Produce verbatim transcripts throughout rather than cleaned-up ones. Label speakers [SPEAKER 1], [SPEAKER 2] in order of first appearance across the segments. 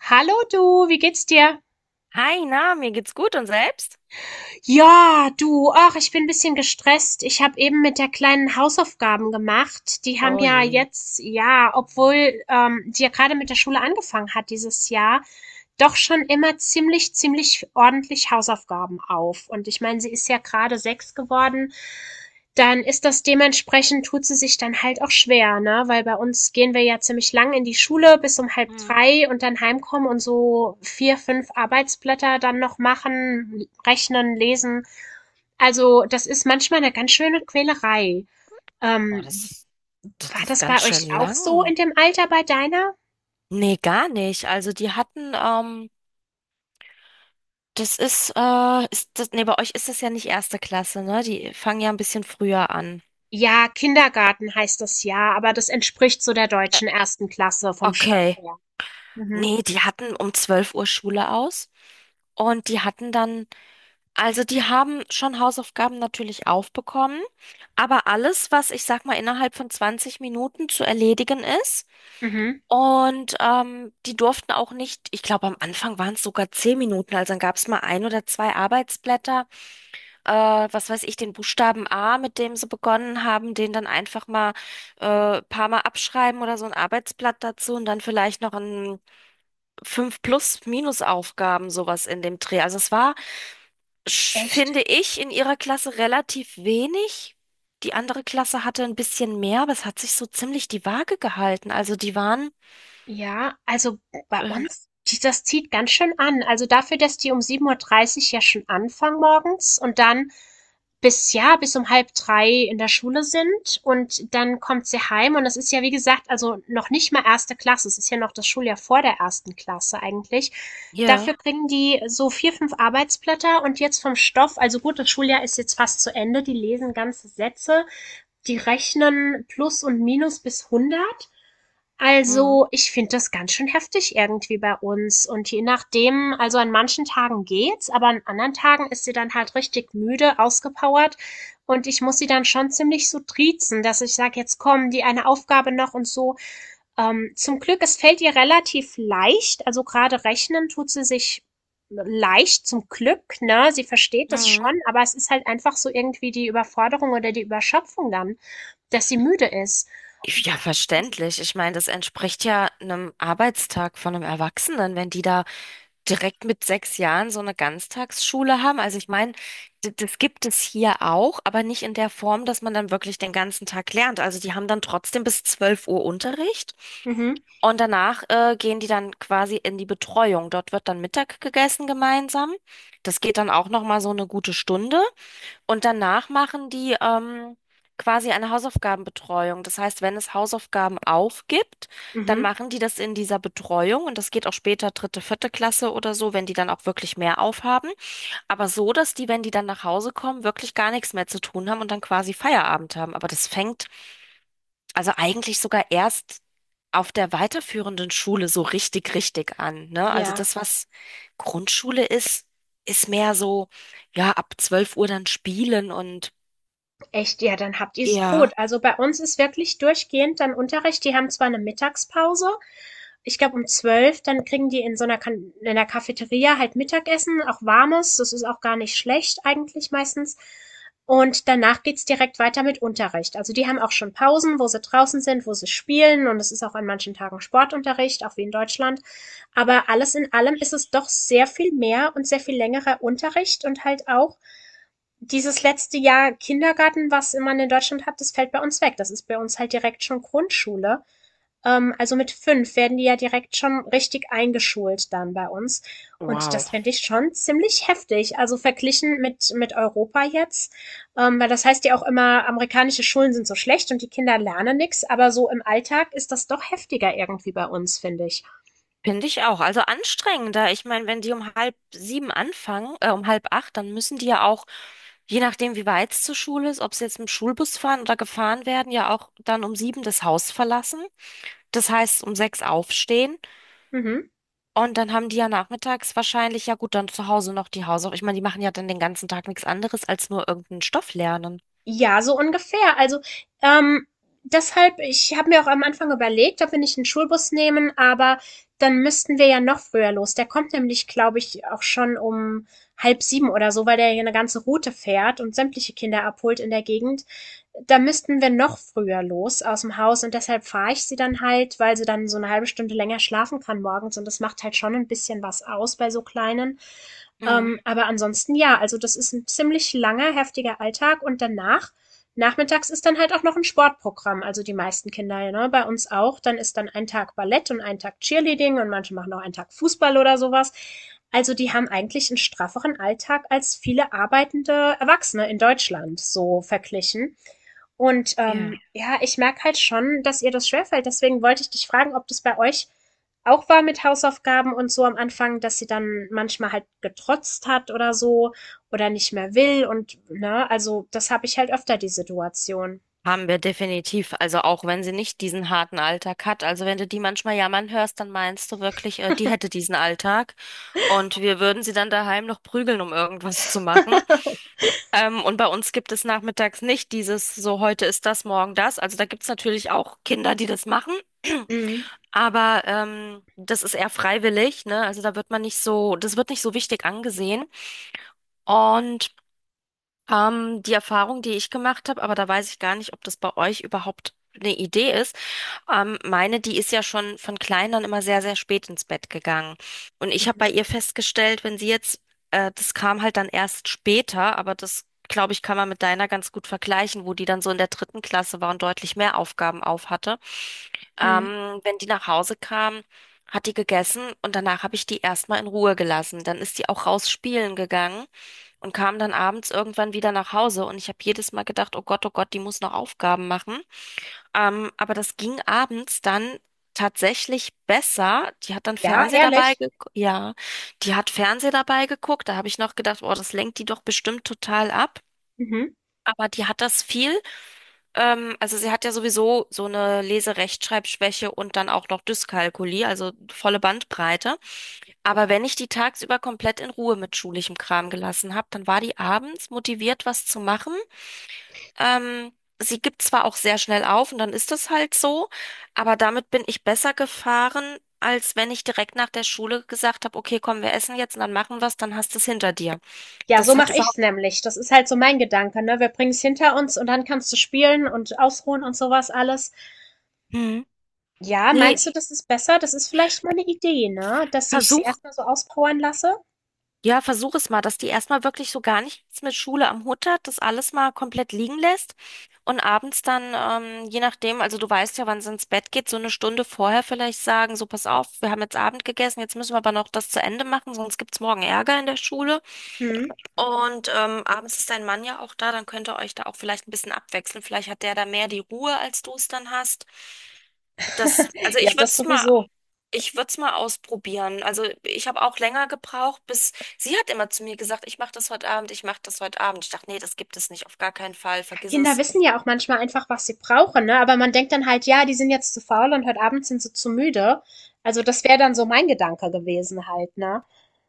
[SPEAKER 1] Hallo du, wie geht's dir?
[SPEAKER 2] Hi, na, mir geht's gut und selbst?
[SPEAKER 1] Ja, du, ach, ich bin ein bisschen gestresst. Ich habe eben mit der Kleinen Hausaufgaben gemacht. Die haben
[SPEAKER 2] Oh
[SPEAKER 1] ja
[SPEAKER 2] je.
[SPEAKER 1] jetzt, ja, obwohl ähm, die ja gerade mit der Schule angefangen hat dieses Jahr, doch schon immer ziemlich, ziemlich ordentlich Hausaufgaben auf. Und ich meine, sie ist ja gerade sechs geworden. Dann ist das dementsprechend tut sie sich dann halt auch schwer, ne? Weil bei uns gehen wir ja ziemlich lang in die Schule bis um halb
[SPEAKER 2] Mhm.
[SPEAKER 1] drei und dann heimkommen und so vier, fünf Arbeitsblätter dann noch machen, rechnen, lesen. Also das ist manchmal eine ganz schöne Quälerei.
[SPEAKER 2] Boah,
[SPEAKER 1] Ähm,
[SPEAKER 2] das, das
[SPEAKER 1] war
[SPEAKER 2] ist
[SPEAKER 1] das
[SPEAKER 2] ganz
[SPEAKER 1] bei
[SPEAKER 2] schön
[SPEAKER 1] euch auch so
[SPEAKER 2] lang.
[SPEAKER 1] in dem Alter bei deiner?
[SPEAKER 2] Nee, gar nicht. Also die hatten, ähm, das ist, äh, ist das, nee, bei euch ist das ja nicht erste Klasse, ne? Die fangen ja ein bisschen früher an.
[SPEAKER 1] Ja, Kindergarten heißt das ja, aber das entspricht so der
[SPEAKER 2] Äh,
[SPEAKER 1] deutschen ersten Klasse vom Stoff
[SPEAKER 2] okay.
[SPEAKER 1] her. Mhm.
[SPEAKER 2] Nee, die hatten um zwölf Uhr Schule aus und die hatten dann, also die haben schon Hausaufgaben natürlich aufbekommen, aber alles, was ich sag mal innerhalb von zwanzig Minuten zu erledigen ist.
[SPEAKER 1] Mhm.
[SPEAKER 2] Und ähm, die durften auch nicht, ich glaube, am Anfang waren es sogar zehn Minuten, also dann gab es mal ein oder zwei Arbeitsblätter, äh, was weiß ich, den Buchstaben A, mit dem sie begonnen haben, den dann einfach mal äh, paar Mal abschreiben oder so ein Arbeitsblatt dazu und dann vielleicht noch ein fünf Plus-Minus-Aufgaben, sowas in dem Dreh. Also es war, sch-
[SPEAKER 1] Echt?
[SPEAKER 2] finde ich, in ihrer Klasse relativ wenig. Die andere Klasse hatte ein bisschen mehr, aber es hat sich so ziemlich die Waage gehalten. Also die waren,
[SPEAKER 1] Ja, also bei
[SPEAKER 2] ähm,
[SPEAKER 1] uns, die das zieht ganz schön an. Also dafür, dass die um sieben Uhr dreißig ja schon anfangen morgens und dann bis, ja, bis um halb drei in der Schule sind und dann kommt sie heim und das ist ja, wie gesagt, also noch nicht mal erste Klasse. Es ist ja noch das Schuljahr vor der ersten Klasse eigentlich. Dafür
[SPEAKER 2] hier.
[SPEAKER 1] kriegen die so vier, fünf Arbeitsblätter und jetzt vom Stoff, also gut, das Schuljahr ist jetzt fast zu Ende, die lesen ganze Sätze, die rechnen Plus und Minus bis hundert. Also, ich finde das ganz schön heftig irgendwie bei uns. Und je nachdem, also an manchen Tagen geht's, aber an anderen Tagen ist sie dann halt richtig müde, ausgepowert. Und ich muss sie dann schon ziemlich so triezen, dass ich sage, jetzt komm, die eine Aufgabe noch und so. Ähm, zum Glück, es fällt ihr relativ leicht. Also gerade rechnen tut sie sich leicht zum Glück, ne? Sie versteht das
[SPEAKER 2] Mhm.
[SPEAKER 1] schon, aber es ist halt einfach so irgendwie die Überforderung oder die Überschöpfung dann, dass sie müde ist.
[SPEAKER 2] Ich-
[SPEAKER 1] Boah,
[SPEAKER 2] Ja,
[SPEAKER 1] weiß ich.
[SPEAKER 2] verständlich. Ich meine, das entspricht ja einem Arbeitstag von einem Erwachsenen, wenn die da direkt mit sechs Jahren so eine Ganztagsschule haben. Also ich meine, d- das gibt es hier auch, aber nicht in der Form, dass man dann wirklich den ganzen Tag lernt. Also die haben dann trotzdem bis zwölf Uhr Unterricht
[SPEAKER 1] Mhm.
[SPEAKER 2] und danach äh, gehen die dann quasi in die Betreuung. Dort wird dann Mittag gegessen gemeinsam. Das geht dann auch noch mal so eine gute Stunde. Und danach machen die ähm, quasi eine Hausaufgabenbetreuung. Das heißt, wenn es Hausaufgaben aufgibt, dann
[SPEAKER 1] Mhm.
[SPEAKER 2] machen die das in dieser Betreuung und das geht auch später dritte, vierte Klasse oder so, wenn die dann auch wirklich mehr aufhaben. Aber so, dass die, wenn die dann nach Hause kommen, wirklich gar nichts mehr zu tun haben und dann quasi Feierabend haben. Aber das fängt also eigentlich sogar erst auf der weiterführenden Schule so richtig, richtig an, ne? Also
[SPEAKER 1] Ja,
[SPEAKER 2] das, was Grundschule ist, ist mehr so, ja, ab zwölf Uhr dann spielen und
[SPEAKER 1] echt, ja, dann habt ihr's gut.
[SPEAKER 2] ja,
[SPEAKER 1] Also bei uns ist wirklich durchgehend dann Unterricht. Die haben zwar eine Mittagspause, ich glaube um zwölf, dann kriegen die in so einer kan in der Cafeteria halt Mittagessen, auch warmes. Das ist auch gar nicht schlecht eigentlich meistens. Und danach geht's direkt weiter mit Unterricht. Also die haben auch schon Pausen, wo sie draußen sind, wo sie spielen. Und es ist auch an manchen Tagen Sportunterricht, auch wie in Deutschland. Aber alles in allem ist es doch sehr viel mehr und sehr viel längerer Unterricht und halt auch. Dieses letzte Jahr Kindergarten, was man in Deutschland hat, das fällt bei uns weg. Das ist bei uns halt direkt schon Grundschule. Ähm, also mit fünf werden die ja direkt schon richtig eingeschult dann bei uns. Und
[SPEAKER 2] wow.
[SPEAKER 1] das fände ich schon ziemlich heftig. Also verglichen mit, mit Europa jetzt. Ähm, weil das heißt ja auch immer, amerikanische Schulen sind so schlecht und die Kinder lernen nichts. Aber so im Alltag ist das doch heftiger irgendwie bei uns, finde ich.
[SPEAKER 2] Finde ich auch. Also anstrengender. Ich meine, wenn die um halb sieben anfangen, äh, um halb acht, dann müssen die ja auch, je nachdem, wie weit es zur Schule ist, ob sie jetzt mit dem Schulbus fahren oder gefahren werden, ja auch dann um sieben das Haus verlassen. Das heißt, um sechs aufstehen.
[SPEAKER 1] Mhm.
[SPEAKER 2] Und dann haben die ja nachmittags wahrscheinlich, ja gut, dann zu Hause noch die Hausaufgaben. Ich meine, die machen ja dann den ganzen Tag nichts anderes als nur irgendeinen Stoff lernen.
[SPEAKER 1] Ja, so ungefähr. Also, ähm, deshalb ich habe mir auch am Anfang überlegt, ob wir nicht einen Schulbus nehmen, aber dann müssten wir ja noch früher los. Der kommt nämlich, glaube ich, auch schon um halb sieben oder so, weil der ja 'ne ganze Route fährt und sämtliche Kinder abholt in der Gegend. Da müssten wir noch früher los aus dem Haus und deshalb fahre ich sie dann halt, weil sie dann so eine halbe Stunde länger schlafen kann morgens und das macht halt schon ein bisschen was aus bei so Kleinen.
[SPEAKER 2] Mhm.
[SPEAKER 1] Ähm, aber ansonsten ja, also das ist ein ziemlich langer, heftiger Alltag und danach, nachmittags ist dann halt auch noch ein Sportprogramm, also die meisten Kinder, ne, bei uns auch, dann ist dann ein Tag Ballett und ein Tag Cheerleading und manche machen auch einen Tag Fußball oder sowas. Also die haben eigentlich einen strafferen Alltag als viele arbeitende Erwachsene in Deutschland so verglichen. Und ähm,
[SPEAKER 2] Ja.
[SPEAKER 1] ja, ich merke halt schon, dass ihr das schwerfällt. Deswegen wollte ich dich fragen, ob das bei euch auch war mit Hausaufgaben und so am Anfang, dass sie dann manchmal halt getrotzt hat oder so oder nicht mehr will und ne, also das habe ich halt öfter die Situation.
[SPEAKER 2] Haben wir definitiv. Also auch wenn sie nicht diesen harten Alltag hat. Also wenn du die manchmal jammern hörst, dann meinst du wirklich, äh, die hätte diesen Alltag. Und wir würden sie dann daheim noch prügeln, um irgendwas zu machen. Ähm, und bei uns gibt es nachmittags nicht dieses so, heute ist das, morgen das. Also da gibt's natürlich auch Kinder, die das machen.
[SPEAKER 1] Mhm.
[SPEAKER 2] Aber ähm, das ist eher freiwillig, ne? Also da wird man nicht so, das wird nicht so wichtig angesehen. Und ähm, die Erfahrung, die ich gemacht habe, aber da weiß ich gar nicht, ob das bei euch überhaupt eine Idee ist. Ähm, meine, die ist ja schon von klein an immer sehr, sehr spät ins Bett gegangen. Und ich habe
[SPEAKER 1] Mhm.
[SPEAKER 2] bei ihr festgestellt, wenn sie jetzt, äh, das kam halt dann erst später, aber das, glaube ich, kann man mit deiner ganz gut vergleichen, wo die dann so in der dritten Klasse war und deutlich mehr Aufgaben auf hatte.
[SPEAKER 1] Mhm.
[SPEAKER 2] Ähm, wenn die nach Hause kam, hat die gegessen und danach habe ich die erstmal in Ruhe gelassen. Dann ist die auch raus spielen gegangen und kam dann abends irgendwann wieder nach Hause und ich habe jedes Mal gedacht, oh Gott, oh Gott, die muss noch Aufgaben machen. Ähm, aber das ging abends dann tatsächlich besser. Die hat dann
[SPEAKER 1] Ja,
[SPEAKER 2] Fernseh dabei
[SPEAKER 1] ehrlich.
[SPEAKER 2] geguckt. Ja, die hat Fernseh dabei geguckt. Da habe ich noch gedacht, boah, das lenkt die doch bestimmt total ab.
[SPEAKER 1] Mhm.
[SPEAKER 2] Aber die hat das viel. Ähm, also sie hat ja sowieso so eine Leserechtschreibschwäche und dann auch noch Dyskalkulie, also volle Bandbreite. Aber wenn ich die tagsüber komplett in Ruhe mit schulischem Kram gelassen habe, dann war die abends motiviert, was zu machen. Ähm, Sie gibt zwar auch sehr schnell auf und dann ist das halt so, aber damit bin ich besser gefahren, als wenn ich direkt nach der Schule gesagt habe, okay, komm, wir essen jetzt und dann machen wir's, dann hast du es hinter dir.
[SPEAKER 1] Ja, so
[SPEAKER 2] Das hat
[SPEAKER 1] mache
[SPEAKER 2] überhaupt.
[SPEAKER 1] ich's nämlich. Das ist halt so mein Gedanke, ne? Wir bringen's hinter uns und dann kannst du spielen und ausruhen und sowas alles.
[SPEAKER 2] Hm.
[SPEAKER 1] Ja,
[SPEAKER 2] Nee,
[SPEAKER 1] meinst du, das ist besser? Das ist vielleicht mal eine Idee, ne? Dass ich sie
[SPEAKER 2] versuch,
[SPEAKER 1] erstmal so auspowern lasse?
[SPEAKER 2] ja, versuch es mal, dass die erstmal wirklich so gar nichts mit Schule am Hut hat, das alles mal komplett liegen lässt. Und abends dann, ähm, je nachdem, also du weißt ja, wann sie ins Bett geht, so eine Stunde vorher vielleicht sagen, so pass auf, wir haben jetzt Abend gegessen, jetzt müssen wir aber noch das zu Ende machen, sonst gibt's morgen Ärger in der Schule.
[SPEAKER 1] Mhm.
[SPEAKER 2] Und ähm, abends ist dein Mann ja auch da, dann könnt ihr euch da auch vielleicht ein bisschen abwechseln. Vielleicht hat der da mehr die Ruhe, als du es dann hast. Das, also
[SPEAKER 1] Ja,
[SPEAKER 2] ich würde
[SPEAKER 1] das
[SPEAKER 2] es mal,
[SPEAKER 1] sowieso.
[SPEAKER 2] ich würde es mal ausprobieren. Also ich habe auch länger gebraucht, bis sie hat immer zu mir gesagt, ich mache das heute Abend, ich mache das heute Abend. Ich dachte, nee, das gibt es nicht, auf gar keinen Fall,
[SPEAKER 1] Ja,
[SPEAKER 2] vergiss
[SPEAKER 1] Kinder
[SPEAKER 2] es.
[SPEAKER 1] wissen ja auch manchmal einfach, was sie brauchen, ne? Aber man denkt dann halt, ja, die sind jetzt zu faul und heute Abend sind sie zu müde. Also das wäre dann so mein Gedanke gewesen halt, ne?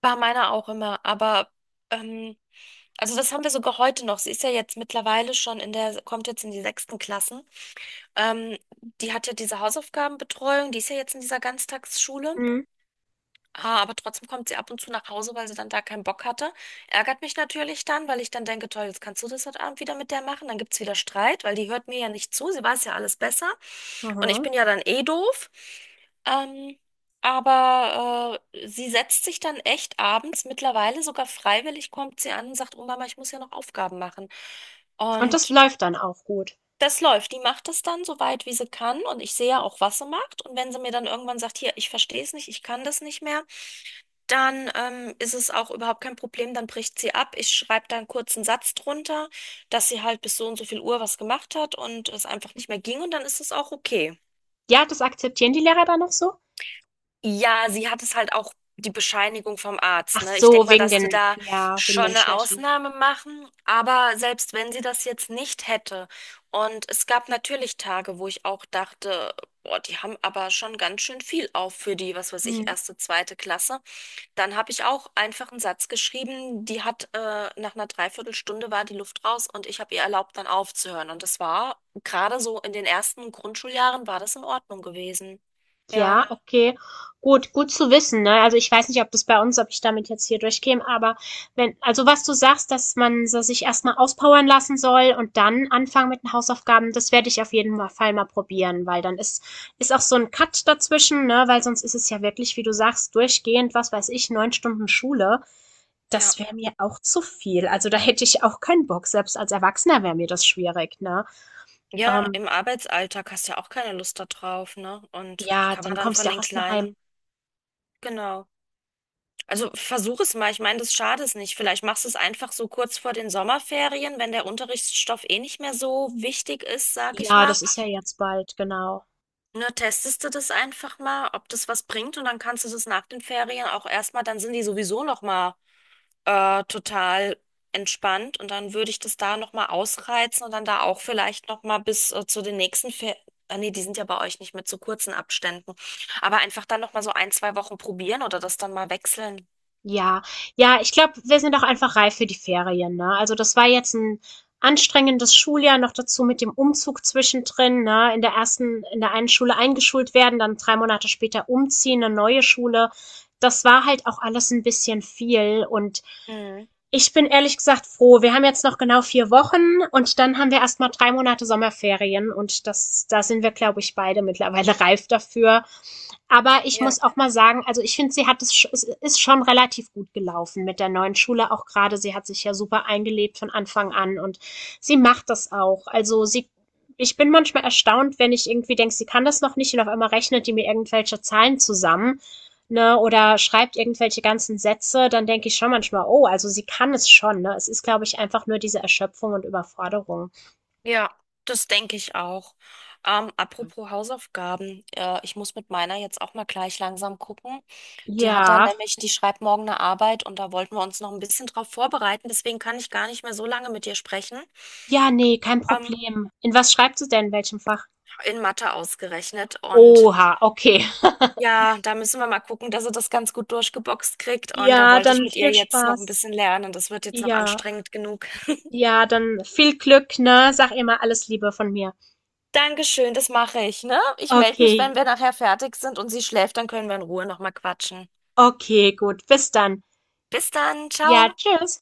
[SPEAKER 2] War meiner auch immer, aber ähm, also das haben wir sogar heute noch. Sie ist ja jetzt mittlerweile schon in der, kommt jetzt in die sechsten Klassen. Ähm, Die hat ja diese Hausaufgabenbetreuung, die ist ja jetzt in dieser Ganztagsschule.
[SPEAKER 1] Mhm.
[SPEAKER 2] Ah, aber trotzdem kommt sie ab und zu nach Hause, weil sie dann da keinen Bock hatte. Ärgert mich natürlich dann, weil ich dann denke, toll, jetzt kannst du das heute Abend wieder mit der machen. Dann gibt's wieder Streit, weil die hört mir ja nicht zu. Sie weiß ja alles besser. Und ich
[SPEAKER 1] Mhm.
[SPEAKER 2] bin ja dann eh doof. Ähm, aber äh, sie setzt sich dann echt abends, mittlerweile sogar freiwillig, kommt sie an und sagt, oh Mama, ich muss ja noch Aufgaben machen.
[SPEAKER 1] Und das
[SPEAKER 2] Und
[SPEAKER 1] läuft dann auch gut.
[SPEAKER 2] das läuft. Die macht das dann so weit, wie sie kann. Und ich sehe ja auch, was sie macht. Und wenn sie mir dann irgendwann sagt, hier, ich verstehe es nicht, ich kann das nicht mehr, dann ähm, ist es auch überhaupt kein Problem, dann bricht sie ab. Ich schreibe da einen kurzen Satz drunter, dass sie halt bis so und so viel Uhr was gemacht hat und es einfach nicht mehr ging und dann ist es auch okay.
[SPEAKER 1] Ja, das akzeptieren die Lehrer dann noch so?
[SPEAKER 2] Ja, sie hat es halt auch die Bescheinigung vom Arzt,
[SPEAKER 1] Ach
[SPEAKER 2] ne? Ich denke
[SPEAKER 1] so,
[SPEAKER 2] mal,
[SPEAKER 1] wegen
[SPEAKER 2] dass die
[SPEAKER 1] den,
[SPEAKER 2] da
[SPEAKER 1] ja, wegen
[SPEAKER 2] schon
[SPEAKER 1] den
[SPEAKER 2] eine
[SPEAKER 1] Schwächen.
[SPEAKER 2] Ausnahme machen, aber selbst wenn sie das jetzt nicht hätte und es gab natürlich Tage, wo ich auch dachte, boah, die haben aber schon ganz schön viel auf für die, was weiß ich,
[SPEAKER 1] Mhm.
[SPEAKER 2] erste, zweite Klasse. Dann habe ich auch einfach einen Satz geschrieben, die hat, äh, nach einer Dreiviertelstunde war die Luft raus und ich habe ihr erlaubt, dann aufzuhören. Und das war gerade so in den ersten Grundschuljahren war das in Ordnung gewesen. Ja,
[SPEAKER 1] Ja, okay. Gut, gut zu wissen, ne? Also ich weiß nicht, ob das bei uns, ob ich damit jetzt hier durchkäme, aber wenn, also was du sagst, dass man so sich erstmal auspowern lassen soll und dann anfangen mit den Hausaufgaben, das werde ich auf jeden Fall mal probieren, weil dann ist, ist auch so ein Cut dazwischen, ne? Weil sonst ist es ja wirklich, wie du sagst, durchgehend, was weiß ich, neun Stunden Schule.
[SPEAKER 2] ja,
[SPEAKER 1] Das wäre mir auch zu viel. Also da hätte ich auch keinen Bock. Selbst als Erwachsener wäre mir das schwierig, ne?
[SPEAKER 2] ja,
[SPEAKER 1] Ähm,
[SPEAKER 2] im Arbeitsalltag hast du ja auch keine Lust da drauf, ne? Und
[SPEAKER 1] ja,
[SPEAKER 2] kann man
[SPEAKER 1] dann
[SPEAKER 2] dann
[SPEAKER 1] kommst du
[SPEAKER 2] von
[SPEAKER 1] ja auch
[SPEAKER 2] den
[SPEAKER 1] erstmal
[SPEAKER 2] Kleinen,
[SPEAKER 1] heim.
[SPEAKER 2] genau. Also versuch es mal, ich meine, das schadet es nicht. Vielleicht machst du es einfach so kurz vor den Sommerferien, wenn der Unterrichtsstoff eh nicht mehr so wichtig ist, sag ich
[SPEAKER 1] Ja,
[SPEAKER 2] mal.
[SPEAKER 1] das ist ja jetzt bald, genau.
[SPEAKER 2] Na, testest du das einfach mal, ob das was bringt und dann kannst du das nach den Ferien auch erstmal, dann sind die sowieso nochmal äh, total entspannt und dann würde ich das da nochmal ausreizen und dann da auch vielleicht nochmal bis äh, zu den nächsten Ferien, äh, nee, die sind ja bei euch nicht mit so kurzen Abständen, aber einfach dann nochmal so ein, zwei Wochen probieren oder das dann mal wechseln.
[SPEAKER 1] Ja, ja, ich glaube, wir sind auch einfach reif für die Ferien, ne? Also das war jetzt ein anstrengendes Schuljahr noch dazu mit dem Umzug zwischendrin, ne? In der ersten, in der einen Schule eingeschult werden, dann drei Monate später umziehen, eine neue Schule. Das war halt auch alles ein bisschen viel und
[SPEAKER 2] Mhm.
[SPEAKER 1] ich bin ehrlich gesagt froh. Wir haben jetzt noch genau vier Wochen und dann haben wir erstmal drei Monate Sommerferien und das, da sind wir, glaube ich, beide mittlerweile reif dafür. Aber ich
[SPEAKER 2] Ja.
[SPEAKER 1] muss auch mal sagen, also ich finde, sie hat es, sch- es ist schon relativ gut gelaufen mit der neuen Schule auch gerade. Sie hat sich ja super eingelebt von Anfang an und sie macht das auch. Also sie, ich bin manchmal erstaunt, wenn ich irgendwie denke, sie kann das noch nicht und auf einmal rechnet die mir irgendwelche Zahlen zusammen, ne, oder schreibt irgendwelche ganzen Sätze, dann denke ich schon manchmal, oh, also sie kann es schon, ne. Es ist, glaube ich, einfach nur diese Erschöpfung und Überforderung.
[SPEAKER 2] Ja, das denke ich auch. Ähm, apropos Hausaufgaben, äh, ich muss mit meiner jetzt auch mal gleich langsam gucken. Die hat dann
[SPEAKER 1] Ja,
[SPEAKER 2] nämlich, die schreibt morgen eine Arbeit und da wollten wir uns noch ein bisschen drauf vorbereiten. Deswegen kann ich gar nicht mehr so lange mit dir sprechen.
[SPEAKER 1] ja, nee, kein
[SPEAKER 2] Ähm,
[SPEAKER 1] Problem. In was schreibt sie denn, in welchem Fach?
[SPEAKER 2] in Mathe ausgerechnet. Und
[SPEAKER 1] Oha, okay.
[SPEAKER 2] ja, da müssen wir mal gucken, dass sie das ganz gut durchgeboxt kriegt. Und da
[SPEAKER 1] Ja,
[SPEAKER 2] wollte ich
[SPEAKER 1] dann
[SPEAKER 2] mit ihr
[SPEAKER 1] viel
[SPEAKER 2] jetzt noch ein
[SPEAKER 1] Spaß.
[SPEAKER 2] bisschen lernen. Das wird jetzt noch
[SPEAKER 1] Ja.
[SPEAKER 2] anstrengend genug.
[SPEAKER 1] Ja, dann viel Glück, ne? Sag immer alles Liebe von mir.
[SPEAKER 2] Dankeschön, das mache ich, ne? Ich melde mich, wenn
[SPEAKER 1] Okay,
[SPEAKER 2] wir nachher fertig sind und sie schläft, dann können wir in Ruhe nochmal quatschen.
[SPEAKER 1] okay, gut. Bis dann.
[SPEAKER 2] Bis dann,
[SPEAKER 1] Ja,
[SPEAKER 2] ciao.
[SPEAKER 1] tschüss.